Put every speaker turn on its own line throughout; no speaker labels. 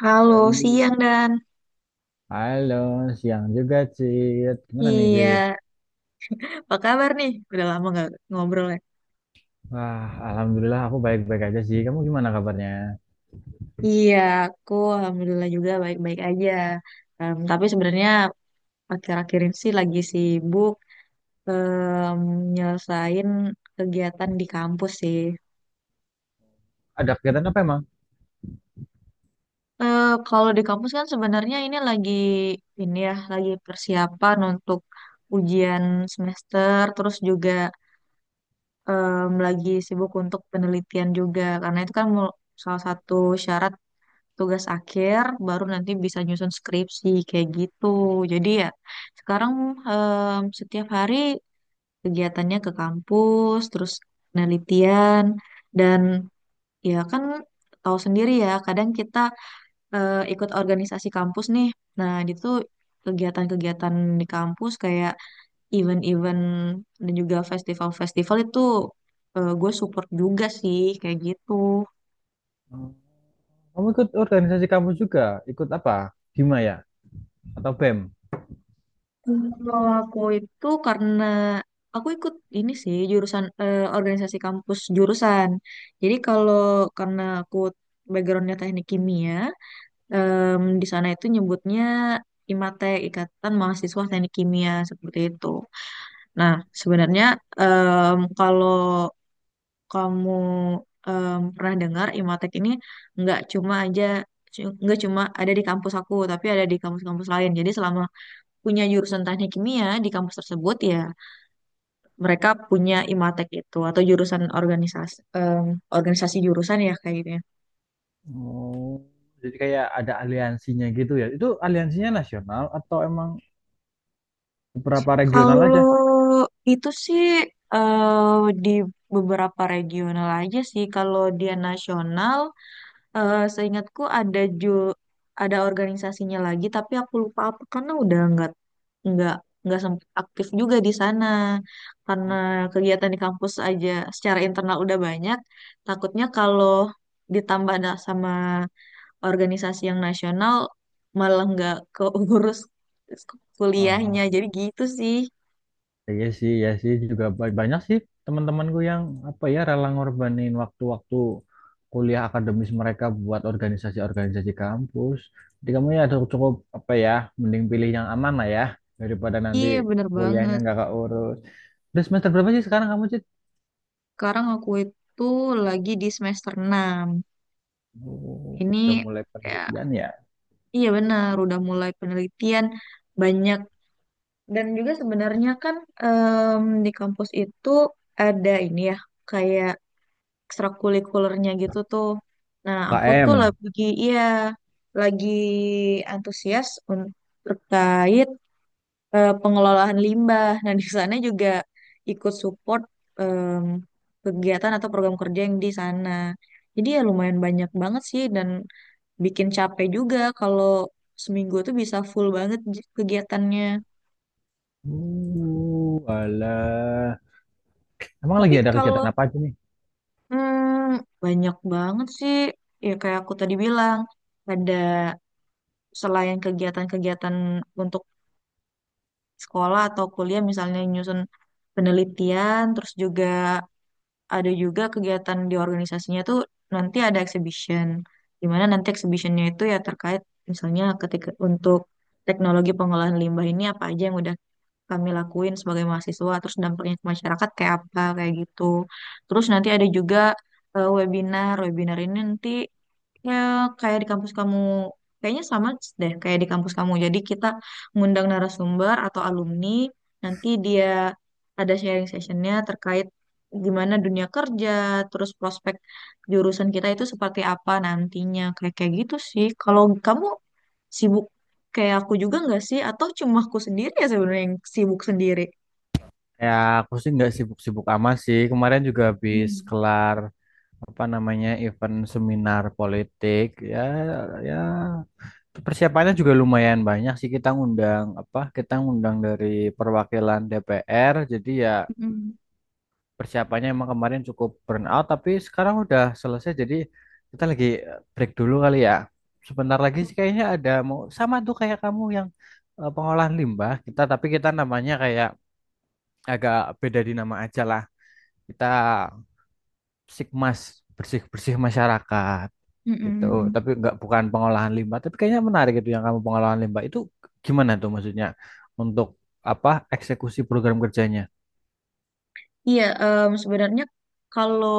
Halo,
Halo,
siang Dan.
Halo, siang juga, Cid. Gimana nih, Cid?
Iya, apa kabar nih? Udah lama nggak ngobrol ya?
Wah, alhamdulillah aku baik-baik aja sih. Kamu gimana kabarnya?
Iya, aku alhamdulillah juga baik-baik aja. Tapi sebenarnya akhir-akhir ini sih lagi sibuk, em, nyelesain kegiatan di kampus sih.
Ada kegiatan apa emang?
Kalau di kampus kan sebenarnya ini lagi ini ya, lagi persiapan untuk ujian semester, terus juga, lagi sibuk untuk penelitian juga, karena itu kan salah satu syarat tugas akhir baru nanti bisa nyusun skripsi kayak gitu. Jadi ya sekarang, setiap hari kegiatannya ke kampus, terus penelitian dan ya kan tahu sendiri ya, kadang kita, ikut organisasi kampus nih. Nah, itu kegiatan-kegiatan di kampus kayak event-event dan juga festival-festival itu, gue support juga sih kayak gitu.
Oh, kamu ikut organisasi kamu juga? Ikut apa? Hima ya? Atau BEM?
Kalau aku itu karena aku ikut ini sih jurusan, eh, organisasi kampus jurusan. Jadi kalau karena aku backgroundnya teknik kimia, di sana itu nyebutnya IMATE, Ikatan Mahasiswa Teknik Kimia, seperti itu. Nah, sebenarnya, kalau kamu, pernah dengar IMATEK ini nggak cuma aja nggak cuma ada di kampus aku, tapi ada di kampus-kampus lain. Jadi selama punya jurusan teknik kimia di kampus tersebut ya mereka punya IMATEK itu, atau jurusan organisasi, organisasi jurusan ya kayak gitu ya.
Oh, jadi kayak ada aliansinya gitu ya. Itu aliansinya nasional atau emang beberapa regional
Kalau
aja?
itu sih, eh, di beberapa regional aja sih. Kalau dia nasional, seingatku ada ada organisasinya lagi, tapi aku lupa apa karena udah nggak nggak sempat aktif juga di sana karena kegiatan di kampus aja secara internal udah banyak. Takutnya kalau ditambah ada sama organisasi yang nasional malah nggak keurus kuliahnya. Jadi gitu sih.
Iya sih, ya sih juga banyak sih teman-temanku yang apa ya rela ngorbanin waktu-waktu kuliah akademis mereka buat organisasi-organisasi kampus. Jadi kamu ya cukup, cukup apa ya, mending pilih yang aman lah ya daripada nanti
Iya bener
kuliahnya
banget.
nggak keurus. Udah semester berapa sih sekarang kamu, Cit?
Sekarang aku itu lagi di semester enam.
Oh, udah
Ini
mulai
ya,
penelitian ya.
iya benar, udah mulai penelitian banyak dan juga sebenarnya kan, di kampus itu ada ini ya kayak ekstrakurikulernya gitu tuh. Nah, aku tuh
UKM.
lagi, iya, lagi antusias, terkait, pengelolaan limbah. Nah, di sana juga ikut support, em, kegiatan atau program kerja yang di sana. Jadi ya lumayan banyak banget sih dan bikin capek juga kalau seminggu tuh bisa full banget kegiatannya.
Alah. Emang
Tapi
lagi ada
kalau
kegiatan apa aja nih?
banyak banget sih, ya kayak aku tadi bilang, ada selain kegiatan-kegiatan untuk sekolah atau kuliah, misalnya nyusun penelitian, terus juga ada juga kegiatan di organisasinya tuh nanti ada exhibition, di mana nanti exhibitionnya itu ya terkait misalnya ketika untuk teknologi pengolahan limbah ini apa aja yang udah kami lakuin sebagai mahasiswa, terus dampaknya ke masyarakat kayak apa, kayak gitu. Terus nanti ada juga, webinar. Webinar ini nanti ya kayak di kampus kamu, kayaknya sama deh kayak di kampus kamu. Jadi kita ngundang narasumber atau alumni, nanti dia ada sharing sessionnya terkait gimana dunia kerja, terus prospek jurusan kita itu seperti apa nantinya. Kayak kayak gitu sih. Kalau kamu sibuk kayak aku juga nggak sih? Atau cuma aku sendiri ya sebenarnya yang sibuk sendiri?
Ya, aku sih nggak sibuk-sibuk amat sih. Kemarin juga habis
Hmm.
kelar apa namanya event seminar politik, ya, ya persiapannya juga lumayan banyak sih, kita ngundang apa kita ngundang dari perwakilan DPR jadi ya
Mm-mm.
persiapannya emang kemarin cukup burn out, tapi sekarang udah selesai jadi kita lagi break dulu kali ya. Sebentar lagi sih kayaknya ada mau sama tuh kayak kamu yang pengolahan limbah kita, tapi kita namanya kayak agak beda di nama aja lah, kita Sikmas, bersih-bersih masyarakat
Mm-mm.
gitu.
Mm-mm.
Tapi nggak, bukan pengolahan limbah, tapi kayaknya menarik itu yang kamu pengolahan limbah itu gimana tuh maksudnya untuk apa eksekusi program kerjanya?
Iya, sebenarnya kalau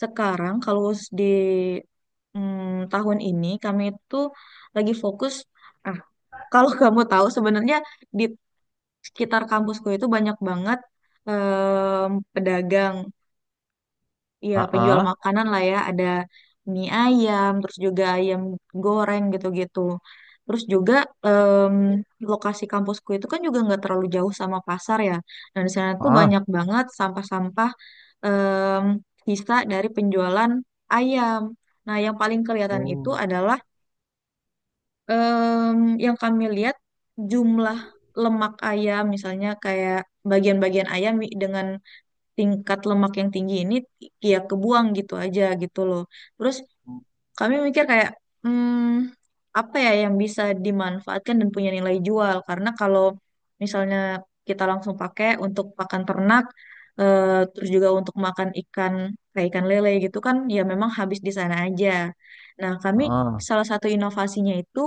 sekarang, kalau di tahun ini, kami itu lagi fokus. Ah, kalau kamu tahu, sebenarnya di sekitar kampusku itu banyak banget, pedagang. Iya, penjual
Ah
makanan lah ya, ada mie ayam, terus juga ayam goreng gitu-gitu. Terus juga, em, lokasi kampusku itu kan juga nggak terlalu jauh sama pasar ya. Dan di sana tuh
ah
banyak banget sampah-sampah, em, sisa dari penjualan ayam. Nah, yang paling kelihatan itu
Oh,
adalah, em, yang kami lihat jumlah lemak ayam, misalnya kayak bagian-bagian ayam dengan tingkat lemak yang tinggi ini ya kebuang gitu aja gitu loh. Terus kami mikir kayak, hmm, apa ya yang bisa dimanfaatkan dan punya nilai jual, karena kalau misalnya kita langsung pakai untuk pakan ternak, eh, terus juga untuk makan ikan kayak ikan lele gitu kan ya memang habis di sana aja. Nah, kami
ah
salah satu inovasinya itu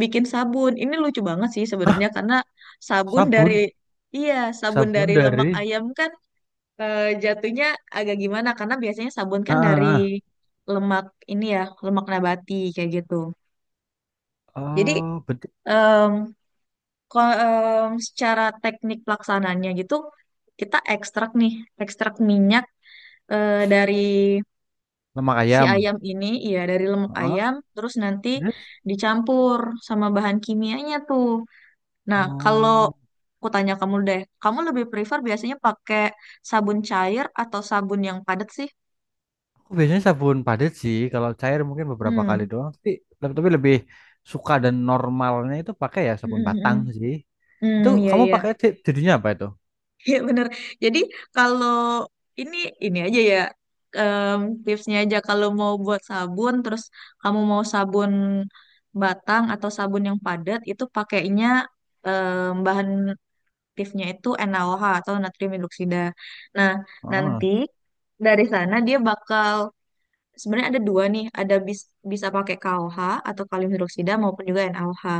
bikin sabun. Ini lucu banget sih
Hah,
sebenarnya, karena sabun dari,
sabun,
iya, sabun dari
sabun
lemak
dari
ayam kan, jatuhnya agak gimana karena biasanya sabun kan dari
ah
lemak ini ya, lemak nabati kayak gitu. Jadi,
Oh, berarti
em, secara teknik pelaksananya gitu kita ekstrak nih, ekstrak minyak, dari
lemak
si
ayam.
ayam ini, iya dari lemak
Ah
ayam, terus nanti
Terus?
dicampur sama bahan kimianya tuh. Nah, kalau
Oh,
aku tanya kamu deh, kamu lebih prefer biasanya pakai sabun cair atau sabun yang padat sih?
aku biasanya sabun padat sih. Kalau cair mungkin beberapa kali
Hmm.
doang, tapi lebih suka dan normalnya itu pakai ya sabun batang sih. Itu
Hmm, iya,
kamu
iya.
pakai jadinya apa itu?
Iya bener. Jadi kalau ini ini aja ya, em, tipsnya aja kalau mau buat sabun terus kamu mau sabun batang atau sabun yang padat itu pakainya, bahan aktifnya itu NaOH atau natrium hidroksida. Nah, nanti dari sana dia bakal sebenarnya ada dua nih, ada bisa pakai KOH atau kalium hidroksida maupun juga NaOH.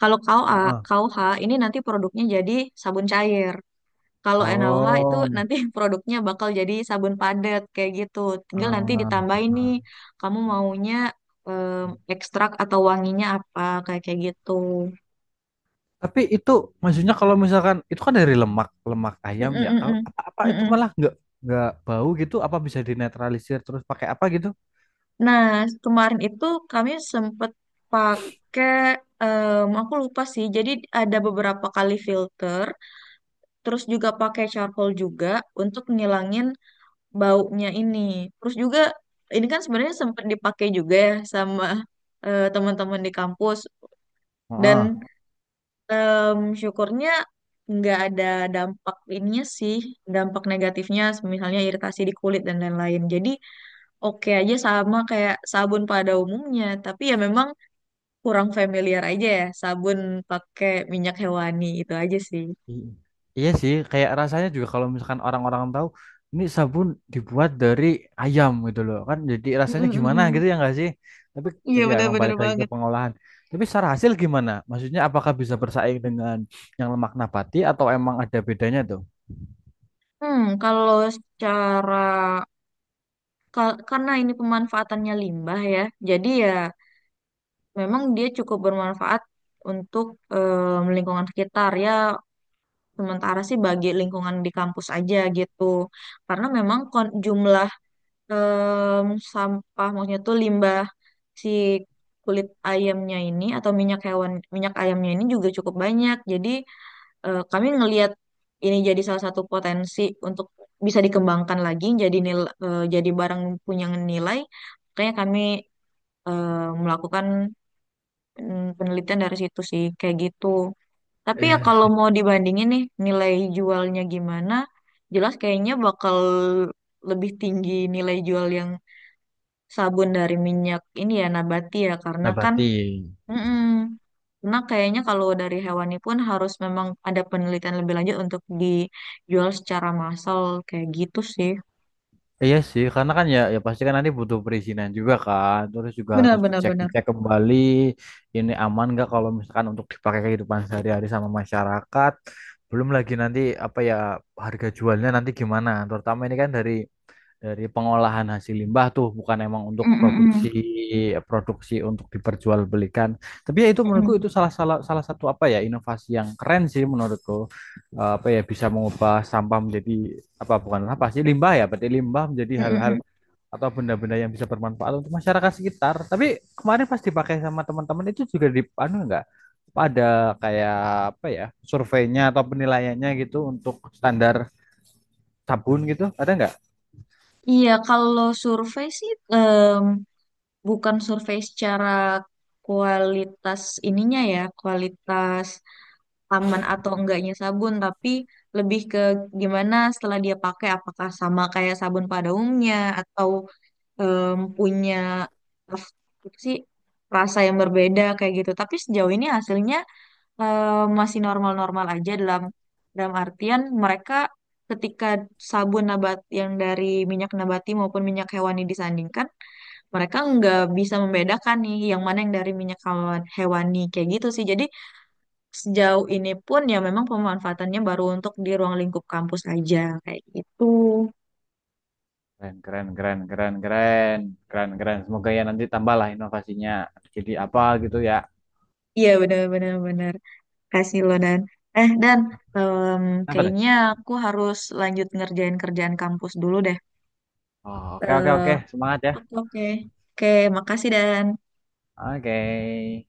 Kalau
Heeh.
KOH ini nanti produknya jadi sabun cair. Kalau NaOH itu
Oh,
nanti produknya bakal jadi sabun padat kayak gitu. Tinggal nanti
heeh,
ditambahin nih,
heeh.
kamu maunya, ekstrak atau wanginya apa kayak kayak gitu.
Tapi itu maksudnya kalau misalkan itu kan dari lemak lemak ayam ya kalau
Mm-mm-mm-mm.
apa-apa itu
Mm-mm.
malah nggak bau gitu, apa bisa dinetralisir terus pakai apa gitu?
Nah, kemarin itu kami sempet pakai, aku lupa sih. Jadi ada beberapa kali filter, terus juga pakai charcoal juga untuk ngilangin baunya ini. Terus juga ini kan sebenarnya sempat dipakai juga ya sama, teman-teman di kampus
Heeh.
dan, syukurnya nggak ada dampak ininya sih, dampak negatifnya misalnya iritasi di kulit dan lain-lain. Jadi oke aja sama kayak sabun pada umumnya, tapi ya memang kurang familiar aja ya sabun pakai minyak hewani itu aja sih.
I- Iya sih kayak rasanya juga kalau misalkan orang-orang tahu ini sabun dibuat dari ayam gitu loh kan jadi
Mm,
rasanya
mm,
gimana
mm, mm.
gitu ya nggak sih? Tapi
Iya
tapi ya emang
benar-benar
balik lagi ke
banget.
pengolahan. Tapi secara hasil gimana? Maksudnya apakah bisa bersaing dengan yang lemak nabati atau emang ada bedanya
Kalau secara, karena ini pemanfaatannya limbah ya, jadi ya memang dia cukup bermanfaat untuk, lingkungan sekitar ya. Sementara sih bagi lingkungan di kampus aja gitu, karena memang jumlah, em, sampah maksudnya tuh limbah si kulit ayamnya ini atau minyak hewan, minyak ayamnya ini juga cukup banyak. Jadi, kami ngelihat ini jadi salah satu potensi untuk bisa dikembangkan lagi jadi jadi barang punya nilai, makanya kami, eh, melakukan, penelitian dari situ sih kayak gitu. Tapi ya kalau
tuh?
mau dibandingin nih nilai jualnya gimana, jelas kayaknya bakal lebih tinggi nilai jual yang sabun dari minyak ini ya nabati ya karena
Nah,
kan.
berarti
Mm-mm. Karena kayaknya kalau dari hewani pun harus memang ada penelitian lebih lanjut untuk dijual secara massal kayak gitu sih.
iya sih, karena kan ya ya pasti kan nanti butuh perizinan juga kan. Terus juga
Benar,
harus
benar, benar.
dicek-dicek kembali ini aman nggak kalau misalkan untuk dipakai kehidupan sehari-hari sama masyarakat. Belum lagi nanti apa ya harga jualnya nanti gimana. Terutama ini kan dari pengolahan hasil limbah tuh bukan emang untuk
Mm-mm-mm.
produksi produksi untuk diperjualbelikan. Tapi ya itu menurutku
Mm-mm.
itu salah salah salah satu apa ya inovasi yang keren sih menurutku. Eh, apa ya bisa mengubah sampah menjadi apa bukan apa sih limbah ya berarti limbah menjadi hal-hal
Mm-mm-mm.
atau benda-benda yang bisa bermanfaat untuk masyarakat sekitar. Tapi kemarin pas dipakai sama teman-teman itu juga di anu enggak. Apa ada kayak apa ya surveinya atau penilaiannya gitu untuk standar sabun gitu ada nggak?
Iya, kalau survei sih, bukan survei secara kualitas ininya ya, kualitas aman atau enggaknya sabun, tapi lebih ke gimana setelah dia pakai, apakah sama kayak sabun pada umumnya atau, punya apa sih rasa yang berbeda kayak gitu. Tapi sejauh ini hasilnya, masih normal-normal aja dalam dalam artian mereka ketika sabun yang dari minyak nabati maupun minyak hewani disandingkan, mereka nggak bisa membedakan nih yang mana yang dari minyak hewani kayak gitu sih. Jadi sejauh ini pun ya memang pemanfaatannya baru untuk di ruang lingkup kampus aja kayak gitu.
Keren, keren, keren, keren, keren, keren, keren. Semoga ya nanti tambahlah inovasinya. Jadi apa gitu ya.
Iya, benar-benar, benar. Benar, benar. Kasih lo Dan. Eh Dan, em,
Apa tuh?
kayaknya aku harus lanjut ngerjain kerjaan kampus dulu deh.
Oh, oke, oke,
Eh,
oke. Semangat ya.
oke, oke. Oke, makasih Dan.
Oke.